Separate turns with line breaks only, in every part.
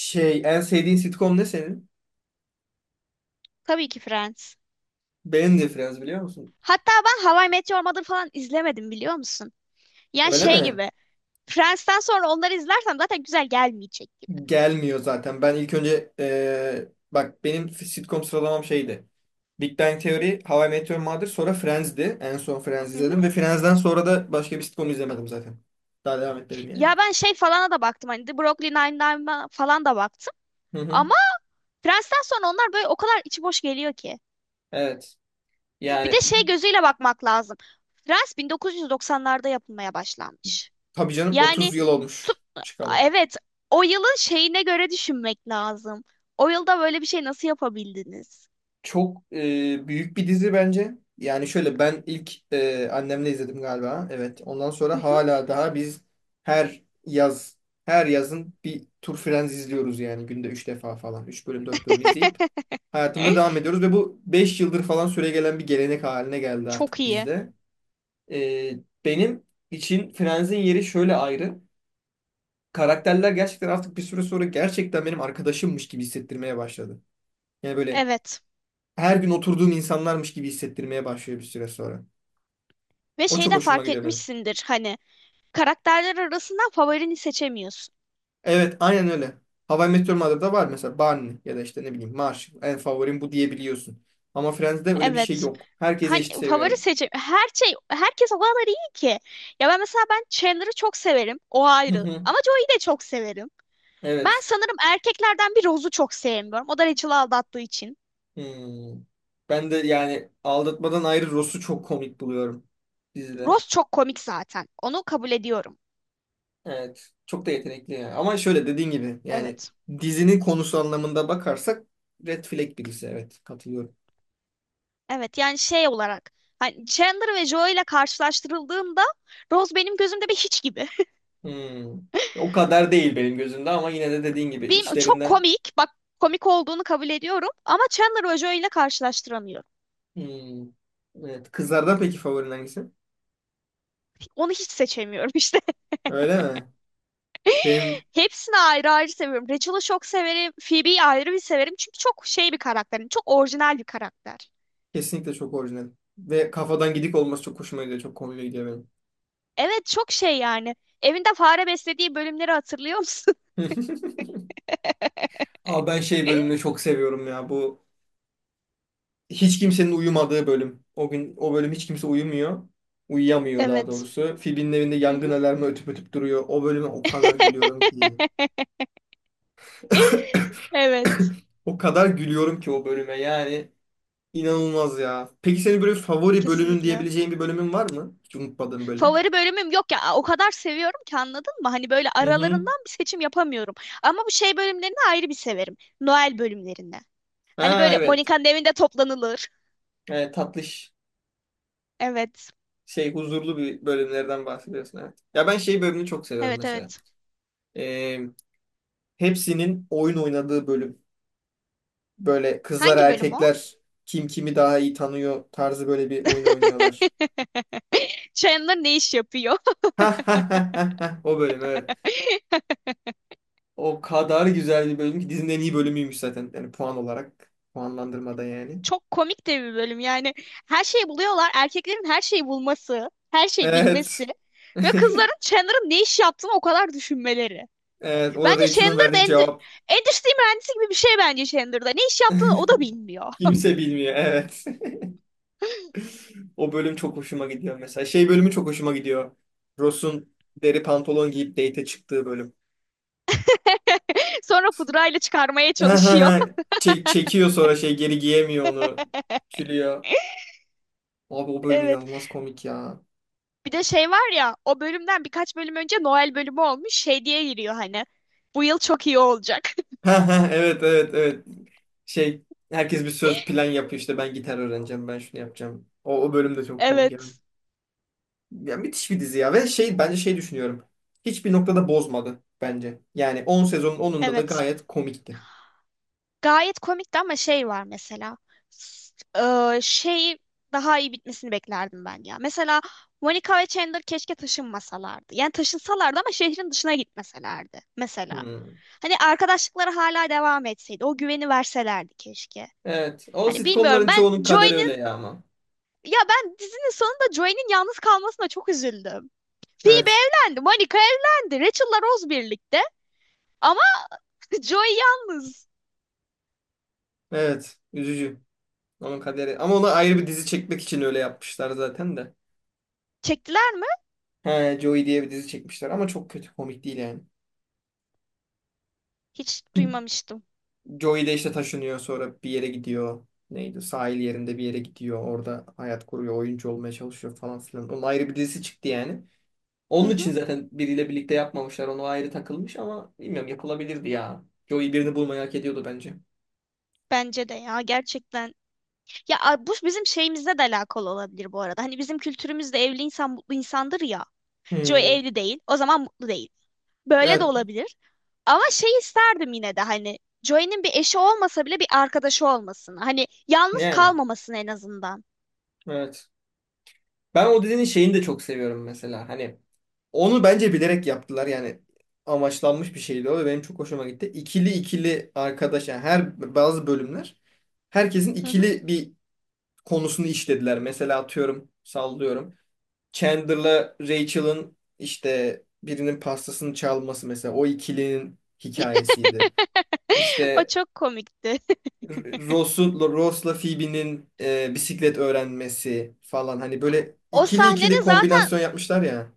Şey, en sevdiğin sitcom ne senin?
Tabii ki Friends.
Benim de Friends biliyor musun?
Hatta ben How I Met Your Mother falan izlemedim biliyor musun? Yani
Öyle
şey
mi?
gibi. Friends'ten sonra onları izlersem zaten güzel gelmeyecek gibi.
Gelmiyor zaten. Ben ilk önce bak benim sitcom sıralamam şeydi. Big Bang Theory, How I Met Your Mother, sonra Friends'di. En son Friends
Hı hı.
izledim ve Friends'den sonra da başka bir sitcom izlemedim zaten. Daha devam etmedim yani.
Ya ben şey falana da baktım hani The Brooklyn Nine-Nine'a falan da baktım.
Hı hı.
Ama Friends'ten sonra onlar böyle o kadar içi boş geliyor ki.
Evet.
Bir de
Yani
şey gözüyle bakmak lazım. Friends 1990'larda yapılmaya başlanmış.
tabii canım
Yani
30 yıl olmuş
tut-
çıkalı.
evet, o yılın şeyine göre düşünmek lazım. O yılda böyle bir şey nasıl yapabildiniz?
Çok büyük bir dizi bence. Yani şöyle ben ilk annemle izledim galiba. Evet. Ondan sonra hala daha biz her yaz her yazın bir Tur Friends izliyoruz yani günde 3 defa falan. Üç bölüm 4 bölüm izleyip hayatımıza devam ediyoruz ve bu 5 yıldır falan süregelen bir gelenek haline geldi
Çok
artık
iyi.
bizde. E, benim için Friends'in yeri şöyle ayrı. Karakterler gerçekten artık bir süre sonra gerçekten benim arkadaşımmış gibi hissettirmeye başladı. Yani böyle
Evet.
her gün oturduğum insanlarmış gibi hissettirmeye başlıyor bir süre sonra.
Ve
O
şey
çok
de
hoşuma
fark
gidiyor benim.
etmişsindir hani karakterler arasından favorini seçemiyorsun.
Evet, aynen öyle. How I Met Your Mother'da var mesela Barney ya da işte ne bileyim Marshall. En favorim bu diyebiliyorsun. Ama Friends'de öyle bir şey
Evet.
yok. Herkese
Hani
eşit
favori
seviyorum.
seçim her şey herkes o kadar iyi ki. Ya ben mesela Chandler'ı çok severim. O
Hı
ayrı.
hı,
Ama Joey'i de çok severim. Ben
evet.
sanırım erkeklerden bir Rose'u çok sevmiyorum. O da Rachel'ı aldattığı için.
Hmm. Ben de yani aldatmadan ayrı Ross'u çok komik buluyorum dizide.
Rose çok komik zaten. Onu kabul ediyorum.
Evet. Çok da yetenekli yani. Ama şöyle dediğin gibi yani
Evet.
dizinin konusu anlamında bakarsak Red Flag birisi. Evet. Katılıyorum.
Evet, yani şey olarak hani Chandler ve Joey ile karşılaştırıldığında Rose benim gözümde bir hiç gibi.
Hmm. O kadar değil benim gözümde ama yine de dediğin gibi
Çok
içlerinden.
komik. Bak, komik olduğunu kabul ediyorum ama Chandler Ojo ile karşılaştıramıyorum.
Hmm. Evet. Kızlardan peki favorin hangisi?
Onu hiç seçemiyorum işte.
Öyle mi? Benim
Hepsini ayrı ayrı seviyorum. Rachel'ı çok severim. Phoebe'yi ayrı bir severim. Çünkü çok şey bir karakter. Yani çok orijinal bir karakter.
kesinlikle çok orijinal. Ve kafadan gidik olması çok hoşuma gidiyor. Çok komik gidiyor benim.
Evet, çok şey yani. Evinde fare beslediği bölümleri hatırlıyor musun?
Abi ben şey bölümünü çok seviyorum ya. Bu hiç kimsenin uyumadığı bölüm. O gün o bölüm hiç kimse uyumuyor. Uyuyamıyor daha
Evet.
doğrusu. Phoebe'nin evinde
Hı
yangın
hı.
alarmı ötüp ötüp duruyor. O bölüme o kadar gülüyorum ki.
Evet.
O kadar gülüyorum ki o bölüme yani. İnanılmaz ya. Peki senin böyle favori bölümün
Kesinlikle.
diyebileceğin bir bölümün var mı? Hiç unutmadığın böyle.
Favori bölümüm yok ya. O kadar seviyorum ki anladın mı? Hani böyle
Hı hı.
aralarından bir seçim yapamıyorum. Ama bu şey bölümlerini ayrı bir severim. Noel bölümlerini. Hani
Ha
böyle
evet.
Monika'nın evinde toplanılır.
Evet, tatlış
Evet.
şey huzurlu bir bölümlerden bahsediyorsun evet. Ya ben şey bölümünü çok seviyorum
Evet,
mesela.
evet.
Ee, hepsinin oyun oynadığı bölüm. Böyle kızlar
Hangi bölüm o?
erkekler kim kimi daha iyi tanıyor tarzı böyle bir oyun oynuyorlar.
Chandler ne iş yapıyor?
Ha ha ha ha ha. O bölüm evet. O kadar güzel bir bölüm ki dizinin en iyi bölümüymüş zaten. Yani puan olarak. Puanlandırmada yani.
Çok komik de bir bölüm yani. Her şeyi buluyorlar. Erkeklerin her şeyi bulması, her şeyi
Evet.
bilmesi ve kızların Chandler'ın ne iş yaptığını o kadar düşünmeleri.
Evet, o
Bence
Rachel'ın
Chandler da
verdiği cevap.
endüstri mühendisi gibi bir şey bence Chandler'da. Ne iş yaptığını o da bilmiyor.
Kimse bilmiyor, evet. O bölüm çok hoşuma gidiyor mesela. Şey bölümü çok hoşuma gidiyor. Ross'un deri pantolon giyip date'e çıktığı bölüm.
Sonra pudrayla çıkarmaya çalışıyor.
Çekiyor sonra şey geri giyemiyor onu. Çürüyor. Abi o bölüm
Evet.
inanılmaz komik ya.
Bir de şey var ya, o bölümden birkaç bölüm önce Noel bölümü olmuş şey diye giriyor hani. Bu yıl çok iyi olacak.
Evet evet evet. Şey herkes bir söz plan yapıyor işte ben gitar öğreneceğim ben şunu yapacağım. O bölüm de çok komik ya.
Evet.
Ya müthiş bir dizi ya ve şey bence şey düşünüyorum. Hiçbir noktada bozmadı bence. Yani 10 sezonun 10'unda da
Evet.
gayet komikti.
Gayet komikti ama şey var mesela. Şey, daha iyi bitmesini beklerdim ben ya. Mesela Monica ve Chandler keşke taşınmasalardı. Yani taşınsalardı ama şehrin dışına gitmeselerdi mesela.
Hmm.
Hani arkadaşlıkları hala devam etseydi. O güveni verselerdi keşke.
Evet. O
Hani bilmiyorum,
sitcomların çoğunun
ben
kaderi öyle
Joey'nin,
ya ama.
ya ben dizinin sonunda Joey'nin yalnız kalmasına çok üzüldüm. Phoebe
Evet.
evlendi, Monica evlendi, Rachel'la Rose birlikte, ama Joey yalnız.
Evet. Üzücü. Onun kaderi. Ama ona ayrı bir dizi çekmek için öyle yapmışlar zaten de.
Çektiler mi?
He, Joey diye bir dizi çekmişler ama çok kötü. Komik değil yani.
Hiç duymamıştım.
Joey de işte taşınıyor sonra bir yere gidiyor. Neydi? Sahil yerinde bir yere gidiyor. Orada hayat kuruyor. Oyuncu olmaya çalışıyor falan filan. Onun ayrı bir dizisi çıktı yani. Onun için zaten biriyle birlikte yapmamışlar. Onu ayrı takılmış ama bilmiyorum yapılabilirdi ya. Joey birini bulmayı hak ediyordu bence.
Bence de ya, gerçekten. Bu bizim şeyimizle de alakalı olabilir bu arada. Hani bizim kültürümüzde evli insan mutlu insandır ya. Joey
Hmm,
evli değil. O zaman mutlu değil. Böyle de
evet.
olabilir. Ama şey isterdim yine de hani Joey'nin bir eşi olmasa bile bir arkadaşı olmasını. Hani yalnız
Yani.
kalmamasını en azından.
Evet. Ben o dizinin şeyini de çok seviyorum mesela. Hani onu bence bilerek yaptılar. Yani amaçlanmış bir şeydi o ve benim çok hoşuma gitti. İkili ikili arkadaş yani her bazı bölümler herkesin
Hı hı.
ikili bir konusunu işlediler. Mesela atıyorum sallıyorum. Chandler'la Rachel'ın işte birinin pastasını çalması mesela o ikilinin hikayesiydi.
O
İşte
çok komikti.
Ross'u, Ross'la Phoebe'nin bisiklet öğrenmesi falan hani böyle
O
ikili ikili
sahnede zaten
kombinasyon yapmışlar ya.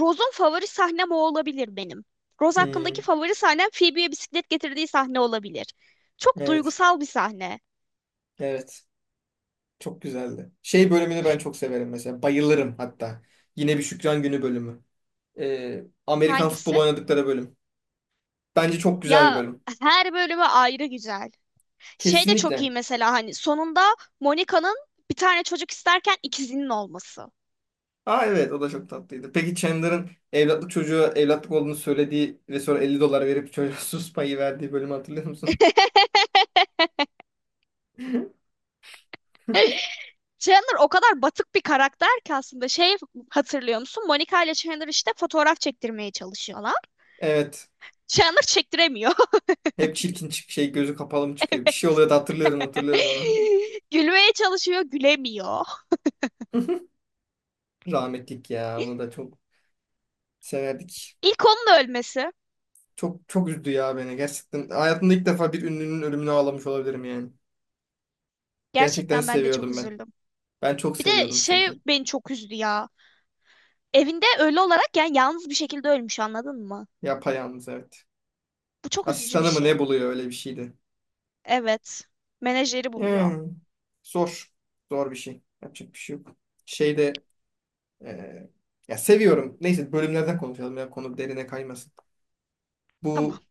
Rose'un, favori sahnem o olabilir benim. Rose hakkındaki
Hmm,
favori sahnem Phoebe'ye bisiklet getirdiği sahne olabilir. Çok
evet,
duygusal bir sahne.
evet. Çok güzeldi. Şey bölümünü ben çok severim mesela. Bayılırım hatta. Yine bir Şükran Günü bölümü. Amerikan
Hangisi?
futbolu oynadıkları bölüm. Bence çok güzel bir
Ya,
bölüm.
her bölümü ayrı güzel. Şey de çok
Kesinlikle.
iyi mesela, hani sonunda Monica'nın bir tane çocuk isterken ikizinin olması.
Aa evet o da çok tatlıydı. Peki Chandler'ın evlatlık çocuğu evlatlık olduğunu söylediği ve sonra 50 dolar verip çocuğa sus payı verdiği bölümü hatırlıyor musun?
Chandler o kadar batık bir karakter ki aslında, şey, hatırlıyor musun? Monica ile Chandler işte fotoğraf çektirmeye çalışıyorlar.
Evet.
Chandler çektiremiyor.
Hep çirkin çık şey gözü kapalı mı çıkıyor? Bir şey oluyor da hatırlıyorum hatırlıyorum onu.
Gülmeye çalışıyor, gülemiyor.
Rahmetlik ya onu da çok severdik.
İlk onun ölmesi.
Çok çok üzdü ya beni gerçekten. Hayatımda ilk defa bir ünlünün ölümüne ağlamış olabilirim yani. Gerçekten
Gerçekten ben de çok
seviyordum ben.
üzüldüm.
Ben çok
Bir de
seviyordum
şey
çünkü.
beni çok üzdü ya. Evinde ölü olarak, yani yalnız bir şekilde ölmüş, anladın mı?
Yapayalnız evet.
Bu çok üzücü bir
Asistanı mı ne
şey.
buluyor öyle bir şeydi.
Evet. Menajeri buluyor.
Hmm. Zor. Zor bir şey. Yapacak bir şey yok. Şeyde e, ya seviyorum. Neyse bölümlerden konuşalım ya konu derine kaymasın.
Tamam.
Bu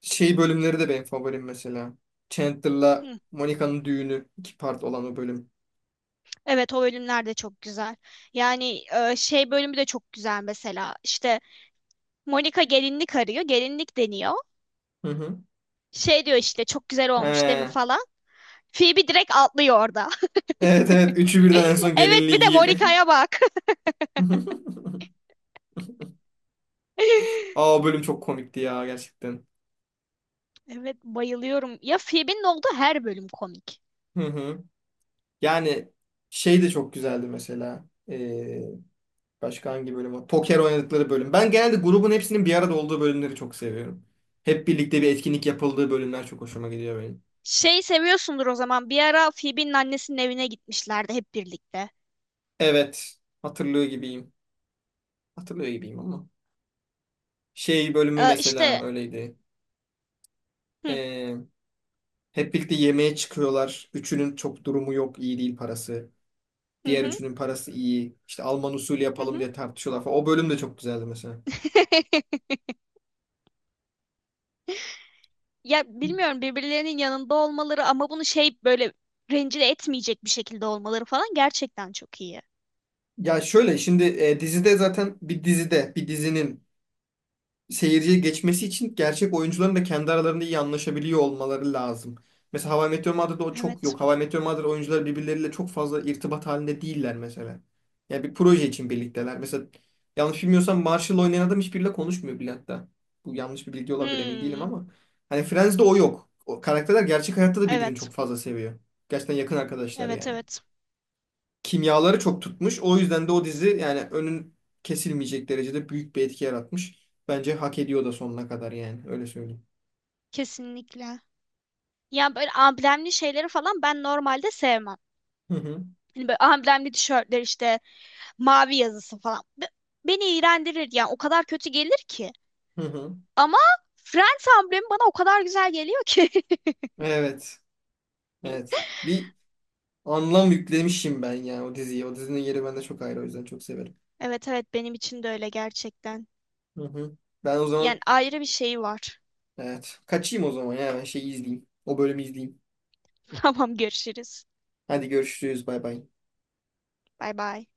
şey bölümleri de benim favorim mesela. Chandler'la
Hı.
Monica'nın düğünü 2 part olan o bölüm.
Evet, o bölümler de çok güzel. Yani şey bölümü de çok güzel mesela. İşte Monica gelinlik arıyor. Gelinlik deniyor.
Hı hı.
Şey diyor işte, çok güzel olmuş değil mi
He.
falan. Phoebe direkt atlıyor orada.
Evet evet üçü birden en son
Evet,
gelinliği
bir de
giyip.
Monica'ya bak.
Aa o bölüm çok komikti ya gerçekten.
Evet, bayılıyorum. Ya Phoebe'nin olduğu her bölüm komik.
Hı hı. Yani şey de çok güzeldi mesela. Ee, Başka hangi bölüm var? Poker oynadıkları bölüm. Ben genelde grubun hepsinin bir arada olduğu bölümleri çok seviyorum. Hep birlikte bir etkinlik yapıldığı bölümler çok hoşuma gidiyor benim.
Şey seviyorsundur o zaman. Bir ara Phoebe'nin annesinin evine gitmişlerdi hep birlikte.
Evet. Hatırlıyor gibiyim. Hatırlıyor gibiyim ama. Şey bölümü
Ee, işte
mesela öyleydi.
hı
Ee, hep birlikte yemeğe çıkıyorlar. Üçünün çok durumu yok. İyi değil parası.
hı
Diğer
hı.
üçünün parası iyi. İşte Alman usulü
hı
yapalım
hı.
diye tartışıyorlar falan. O bölüm de çok güzeldi mesela.
Ya bilmiyorum, birbirlerinin yanında olmaları ama bunu şey böyle rencide etmeyecek bir şekilde olmaları falan gerçekten çok iyi.
Ya şöyle şimdi dizide zaten bir dizinin seyirciye geçmesi için gerçek oyuncuların da kendi aralarında iyi anlaşabiliyor olmaları lazım. Mesela How I Met Your Mother'da o çok
Evet.
yok. How I Met Your Mother oyuncuları birbirleriyle çok fazla irtibat halinde değiller mesela. Yani bir proje için birlikteler. Mesela yanlış bilmiyorsam Marshall oynayan adam hiçbiriyle konuşmuyor bile hatta. Bu yanlış bir bilgi olabilir emin değilim
Hmm.
ama. Hani Friends'de o yok. O karakterler gerçek hayatta da birbirini
Evet.
çok fazla seviyor. Gerçekten yakın arkadaşlar
Evet,
yani
evet.
kimyaları çok tutmuş. O yüzden de o dizi yani kesilmeyecek derecede büyük bir etki yaratmış. Bence hak ediyor da sonuna kadar yani öyle söyleyeyim.
Kesinlikle. Ya böyle amblemli şeyleri falan ben normalde sevmem.
Hı hı.
Hani böyle amblemli tişörtler işte mavi yazısı falan. Beni iğrendirir yani, o kadar kötü gelir ki.
Hı hı.
Ama Friends amblemi bana o kadar güzel geliyor ki.
Evet. Evet. Bir anlam yüklemişim ben yani o diziye. O dizinin yeri bende çok ayrı o yüzden çok severim.
Evet, evet, benim için de öyle gerçekten.
Hı hı. Ben o
Yani
zaman
ayrı bir şey var.
evet kaçayım o zaman ya ben şeyi izleyeyim. O bölümü izleyeyim.
Tamam, görüşürüz.
Hadi görüşürüz bay bay.
Bay bay.